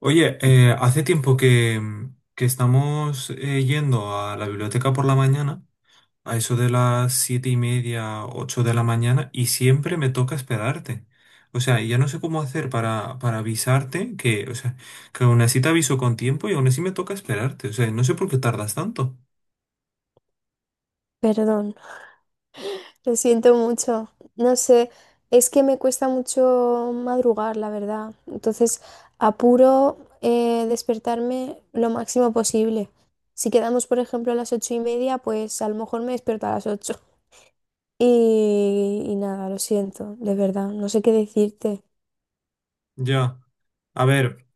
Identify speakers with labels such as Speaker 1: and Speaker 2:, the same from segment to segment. Speaker 1: Oye, hace tiempo que estamos yendo a la biblioteca por la mañana, a eso de las siete y media, ocho de la mañana, y siempre me toca esperarte. O sea, y ya no sé cómo hacer para avisarte que, o sea, que aún así te aviso con tiempo y aún así me toca esperarte. O sea, no sé por qué tardas tanto.
Speaker 2: Perdón, lo siento mucho. No sé, es que me cuesta mucho madrugar, la verdad. Entonces, apuro despertarme lo máximo posible. Si quedamos, por ejemplo, a las ocho y media, pues a lo mejor me despierto a las ocho. Y nada, lo siento, de verdad, no sé qué decirte.
Speaker 1: Ya. A ver,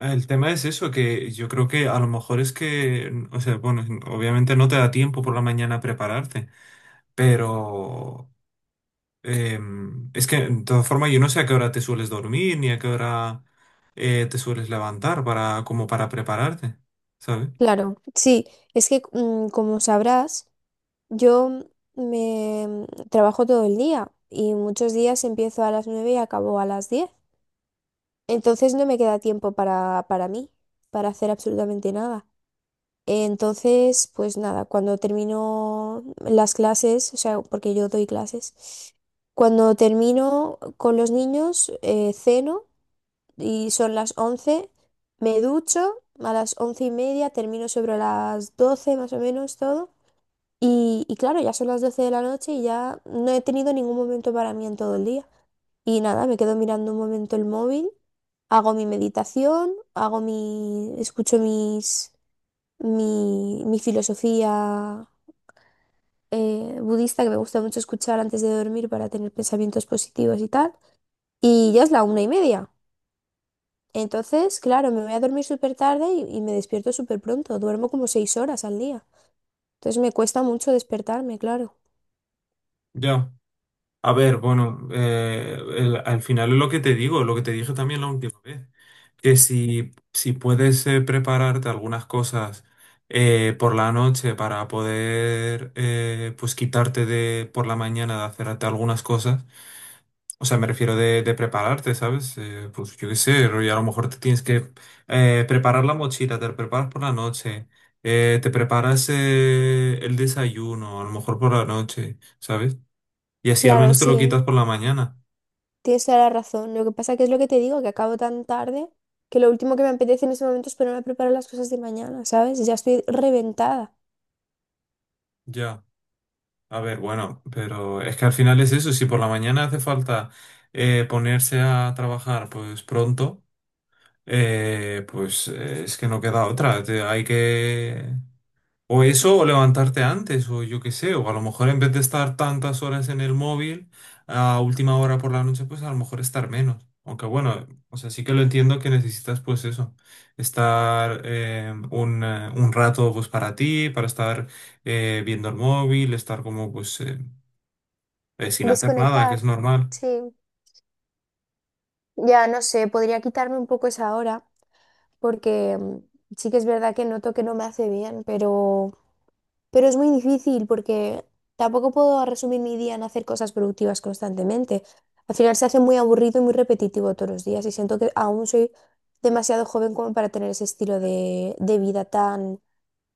Speaker 1: el tema es eso, que yo creo que a lo mejor es que, o sea, bueno, obviamente no te da tiempo por la mañana a prepararte. Pero es que, de todas formas, yo no sé a qué hora te sueles dormir ni a qué hora te sueles levantar para, como para prepararte, ¿sabes?
Speaker 2: Claro, sí, es que como sabrás, yo me trabajo todo el día y muchos días empiezo a las nueve y acabo a las diez. Entonces no me queda tiempo para mí, para hacer absolutamente nada. Entonces, pues nada, cuando termino las clases, o sea, porque yo doy clases, cuando termino con los niños, ceno y son las 11, me ducho, a las once y media termino sobre las 12 más o menos todo. Y claro, ya son las doce de la noche y ya no he tenido ningún momento para mí en todo el día. Y nada, me quedo mirando un momento el móvil, hago mi meditación, hago mi, escucho mis, mi filosofía budista que me gusta mucho escuchar antes de dormir para tener pensamientos positivos y tal. Y ya es la una y media. Entonces, claro, me voy a dormir súper tarde y me despierto súper pronto. Duermo como seis horas al día. Entonces me cuesta mucho despertarme, claro.
Speaker 1: Ya. A ver, bueno, al final es lo que te digo, lo que te dije también la última vez, que si puedes prepararte algunas cosas por la noche para poder, pues quitarte de por la mañana de hacerte algunas cosas. O sea, me refiero de prepararte, ¿sabes? Pues yo qué sé, rollo, a lo mejor te tienes que preparar la mochila, te la preparas por la noche, te preparas el desayuno, a lo mejor por la noche, ¿sabes? Y así al
Speaker 2: Claro,
Speaker 1: menos te lo
Speaker 2: sí.
Speaker 1: quitas por la mañana.
Speaker 2: Tienes toda la razón. Lo que pasa que es lo que te digo, que acabo tan tarde que lo último que me apetece en ese momento es ponerme a preparar las cosas de mañana, ¿sabes? Ya estoy reventada.
Speaker 1: Ya. A ver, bueno, pero es que al final es eso, si por la mañana hace falta ponerse a trabajar pues pronto, es que no queda otra, hay que... O eso, o levantarte antes, o yo qué sé, o a lo mejor en vez de estar tantas horas en el móvil, a última hora por la noche, pues a lo mejor estar menos. Aunque bueno, o sea, sí que lo entiendo que necesitas pues eso, estar un rato pues para ti, para estar viendo el móvil, estar como pues sin hacer nada, que es
Speaker 2: Desconectar.
Speaker 1: normal.
Speaker 2: Sí. Ya no sé, podría quitarme un poco esa hora porque sí que es verdad que noto que no me hace bien, pero es muy difícil porque tampoco puedo resumir mi día en hacer cosas productivas constantemente. Al final se hace muy aburrido y muy repetitivo todos los días y siento que aún soy demasiado joven como para tener ese estilo de vida tan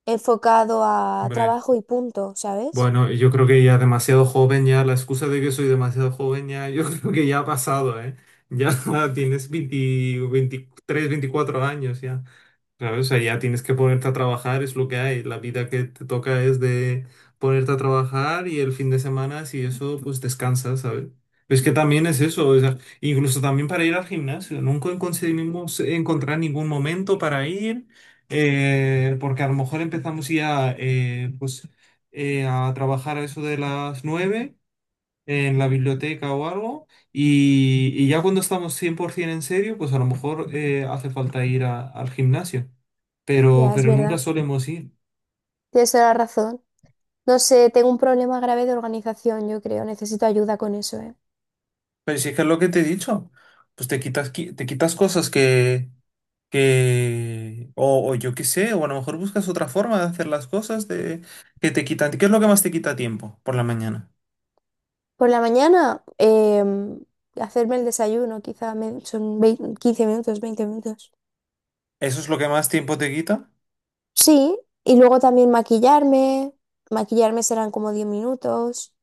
Speaker 2: enfocado a
Speaker 1: Hombre.
Speaker 2: trabajo y punto, ¿sabes?
Speaker 1: Bueno, yo creo que ya demasiado joven, ya la excusa de que soy demasiado joven, ya yo creo que ya ha pasado, ¿eh? Ya tienes 20 23, 24 años, ya. Claro, o sea, ya tienes que ponerte a trabajar, es lo que hay. La vida que te toca es de ponerte a trabajar y el fin de semana, si eso, pues descansas, ¿sabes? Es que también es eso, o sea, incluso también para ir al gimnasio. Nunca conseguimos encontrar ningún momento para ir, porque a lo mejor empezamos ya a trabajar a eso de las nueve en la biblioteca o algo, y ya cuando estamos 100% en serio, pues a lo mejor hace falta ir al gimnasio,
Speaker 2: Ya, es
Speaker 1: pero nunca
Speaker 2: verdad.
Speaker 1: solemos ir.
Speaker 2: Tienes toda la razón. No sé, tengo un problema grave de organización, yo creo. Necesito ayuda con eso, ¿eh?
Speaker 1: Pero si es que es lo que te he dicho, pues te quitas cosas que, o yo qué sé, o a lo mejor buscas otra forma de hacer las cosas de, que te quitan. ¿Qué es lo que más te quita tiempo por la mañana?
Speaker 2: Por la mañana, hacerme el desayuno, quizá me- son vei- 15 minutos, 20 minutos.
Speaker 1: ¿Eso es lo que más tiempo te quita?
Speaker 2: Sí, y luego también maquillarme. Maquillarme serán como 10 minutos.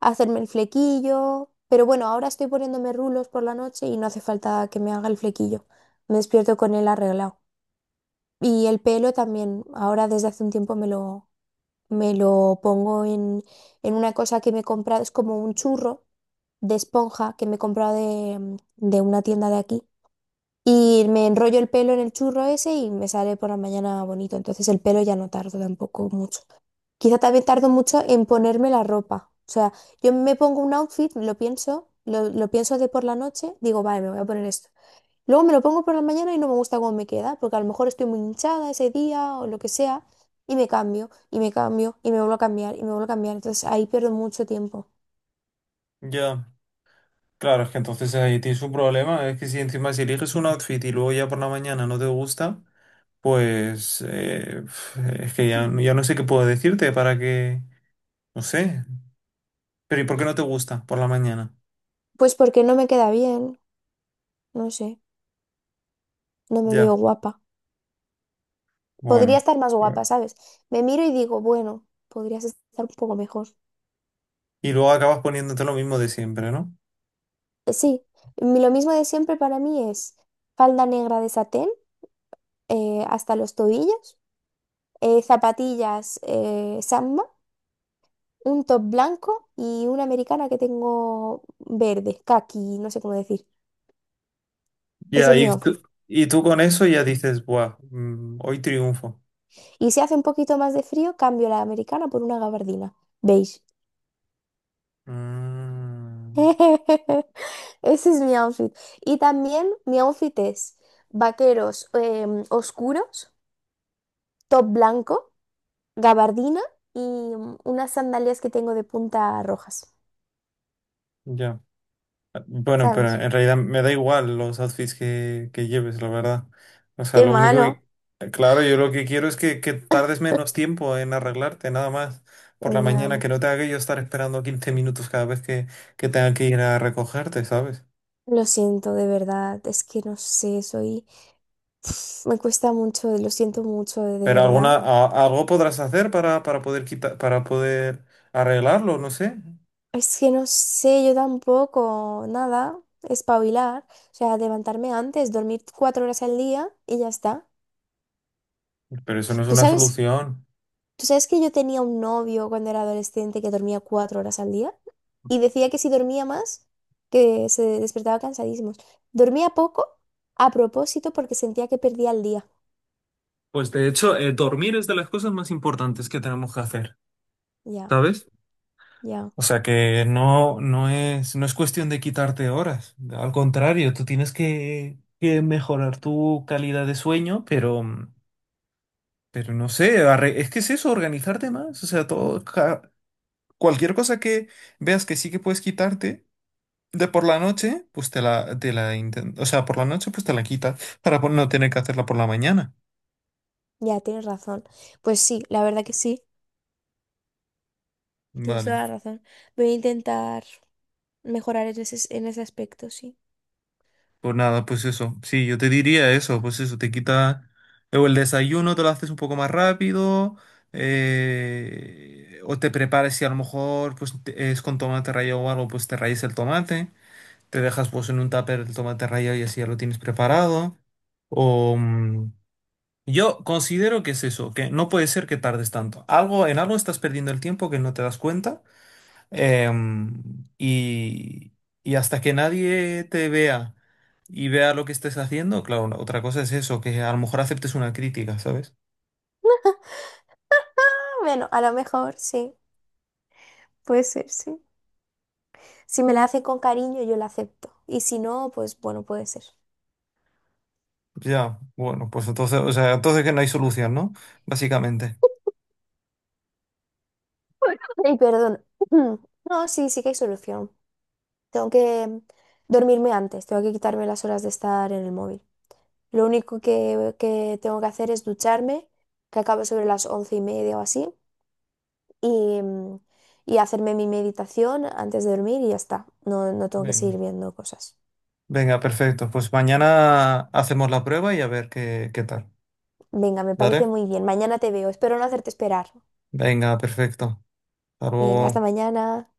Speaker 2: Hacerme el flequillo. Pero bueno, ahora estoy poniéndome rulos por la noche y no hace falta que me haga el flequillo. Me despierto con él arreglado. Y el pelo también, ahora desde hace un tiempo me lo pongo en una cosa que me he comprado, es como un churro de esponja que me he comprado de, de una tienda de aquí. Y me enrollo el pelo en el churro ese y me sale por la mañana bonito. Entonces el pelo ya no tardo tampoco mucho. Quizá también tardo mucho en ponerme la ropa. O sea, yo me pongo un outfit, lo pienso, lo pienso de por la noche, digo, vale, me voy a poner esto. Luego me lo pongo por la mañana y no me gusta cómo me queda, porque a lo mejor estoy muy hinchada ese día o lo que sea, y me cambio, y me cambio, y me vuelvo a cambiar, y me vuelvo a cambiar. Entonces ahí pierdo mucho tiempo.
Speaker 1: Ya. Claro, es que entonces ahí tienes un problema. Es que si encima si eliges un outfit y luego ya por la mañana no te gusta. Pues es que ya, ya no sé qué puedo decirte para que... No sé. Pero ¿y por qué no te gusta por la mañana?
Speaker 2: Pues porque no me queda bien, no sé, no me veo
Speaker 1: Ya.
Speaker 2: guapa. Podría
Speaker 1: Bueno.
Speaker 2: estar más guapa,
Speaker 1: Bueno.
Speaker 2: ¿sabes? Me miro y digo, bueno, podrías estar un poco mejor.
Speaker 1: Y luego acabas poniéndote lo mismo de siempre, ¿no?
Speaker 2: Sí, lo mismo de siempre para mí es falda negra de satén hasta los tobillos, zapatillas Samba, un top blanco y una americana que tengo verde, caqui, no sé cómo decir. Ese
Speaker 1: Ya,
Speaker 2: es mi outfit.
Speaker 1: y tú con eso ya dices, buah, hoy triunfo.
Speaker 2: Y si hace un poquito más de frío, cambio la americana por una gabardina beige.
Speaker 1: Mm,
Speaker 2: Ese es mi outfit. Y también mi outfit es vaqueros oscuros, top blanco, gabardina y unas sandalias que tengo de punta rojas.
Speaker 1: ya. Bueno, pero
Speaker 2: ¿Sabes?
Speaker 1: en realidad me da igual los outfits que lleves, la verdad. O sea,
Speaker 2: Qué
Speaker 1: lo único
Speaker 2: malo.
Speaker 1: que... Claro, yo lo que quiero es que tardes menos tiempo en arreglarte, nada más. Por la
Speaker 2: Ya,
Speaker 1: mañana, que no tenga que yo estar esperando 15 minutos cada vez que tenga que ir a recogerte, ¿sabes?
Speaker 2: lo siento, de verdad. Es que no sé, soy... Me cuesta mucho, lo siento mucho, de
Speaker 1: Pero
Speaker 2: verdad.
Speaker 1: algo podrás hacer para poder quitar, para poder arreglarlo, no sé.
Speaker 2: Es que no sé, yo tampoco, nada, espabilar, o sea, levantarme antes, dormir cuatro horas al día y ya está.
Speaker 1: Pero eso no es
Speaker 2: ¿Tú
Speaker 1: una
Speaker 2: sabes,
Speaker 1: solución.
Speaker 2: tú sabes que yo tenía un novio cuando era adolescente que dormía cuatro horas al día? Y decía que si dormía más, que se despertaba cansadísimo. Dormía poco a propósito porque sentía que perdía el día.
Speaker 1: Pues de hecho, dormir es de las cosas más importantes que tenemos que hacer,
Speaker 2: Ya,
Speaker 1: ¿sabes?
Speaker 2: ya,
Speaker 1: O sea que no es, no es cuestión de quitarte horas. Al contrario, tú tienes que mejorar tu calidad de sueño, pero, pero no sé, es que es eso, organizarte más. O sea, cualquier cosa que veas que sí que puedes quitarte de por la noche, pues o sea, por la noche pues te la quitas para no tener que hacerla por la mañana.
Speaker 2: ya, tienes razón. Pues sí, la verdad que sí, tienes
Speaker 1: Vale.
Speaker 2: toda la razón. Voy a intentar mejorar en ese aspecto, sí.
Speaker 1: Por nada, pues eso. Sí, yo te diría eso, pues eso, te quita. Luego el desayuno te lo haces un poco más rápido. Eh, o te prepares si a lo mejor es con tomate rallado o algo, pues te rayes el tomate. Te dejas pues en un tupper el tomate rallado y así ya lo tienes preparado. O yo considero que es eso, que no puede ser que tardes tanto. Algo, en algo estás perdiendo el tiempo que no te das cuenta. Em, y, y hasta que nadie te vea y vea lo que estés haciendo, claro, otra cosa es eso, que a lo mejor aceptes una crítica, ¿sabes?
Speaker 2: Bueno, a lo mejor sí, puede ser, sí. Si me la hace con cariño, yo la acepto. Y si no, pues bueno, puede ser.
Speaker 1: Ya, bueno, pues entonces, o sea, entonces que no hay solución, ¿no? Básicamente.
Speaker 2: Y perdón. No, sí, sí que hay solución. Tengo que dormirme antes, tengo que quitarme las horas de estar en el móvil. Lo único que tengo que hacer es ducharme, que acabo sobre las once y media o así, y, y hacerme mi meditación antes de dormir y ya está. No, no tengo que
Speaker 1: Venga.
Speaker 2: seguir viendo cosas.
Speaker 1: Venga, perfecto. Pues mañana hacemos la prueba y a ver qué, qué tal.
Speaker 2: Venga, me parece
Speaker 1: ¿Vale?
Speaker 2: muy bien. Mañana te veo. Espero no hacerte esperar.
Speaker 1: Venga, perfecto. Hasta
Speaker 2: Venga, hasta
Speaker 1: luego.
Speaker 2: mañana.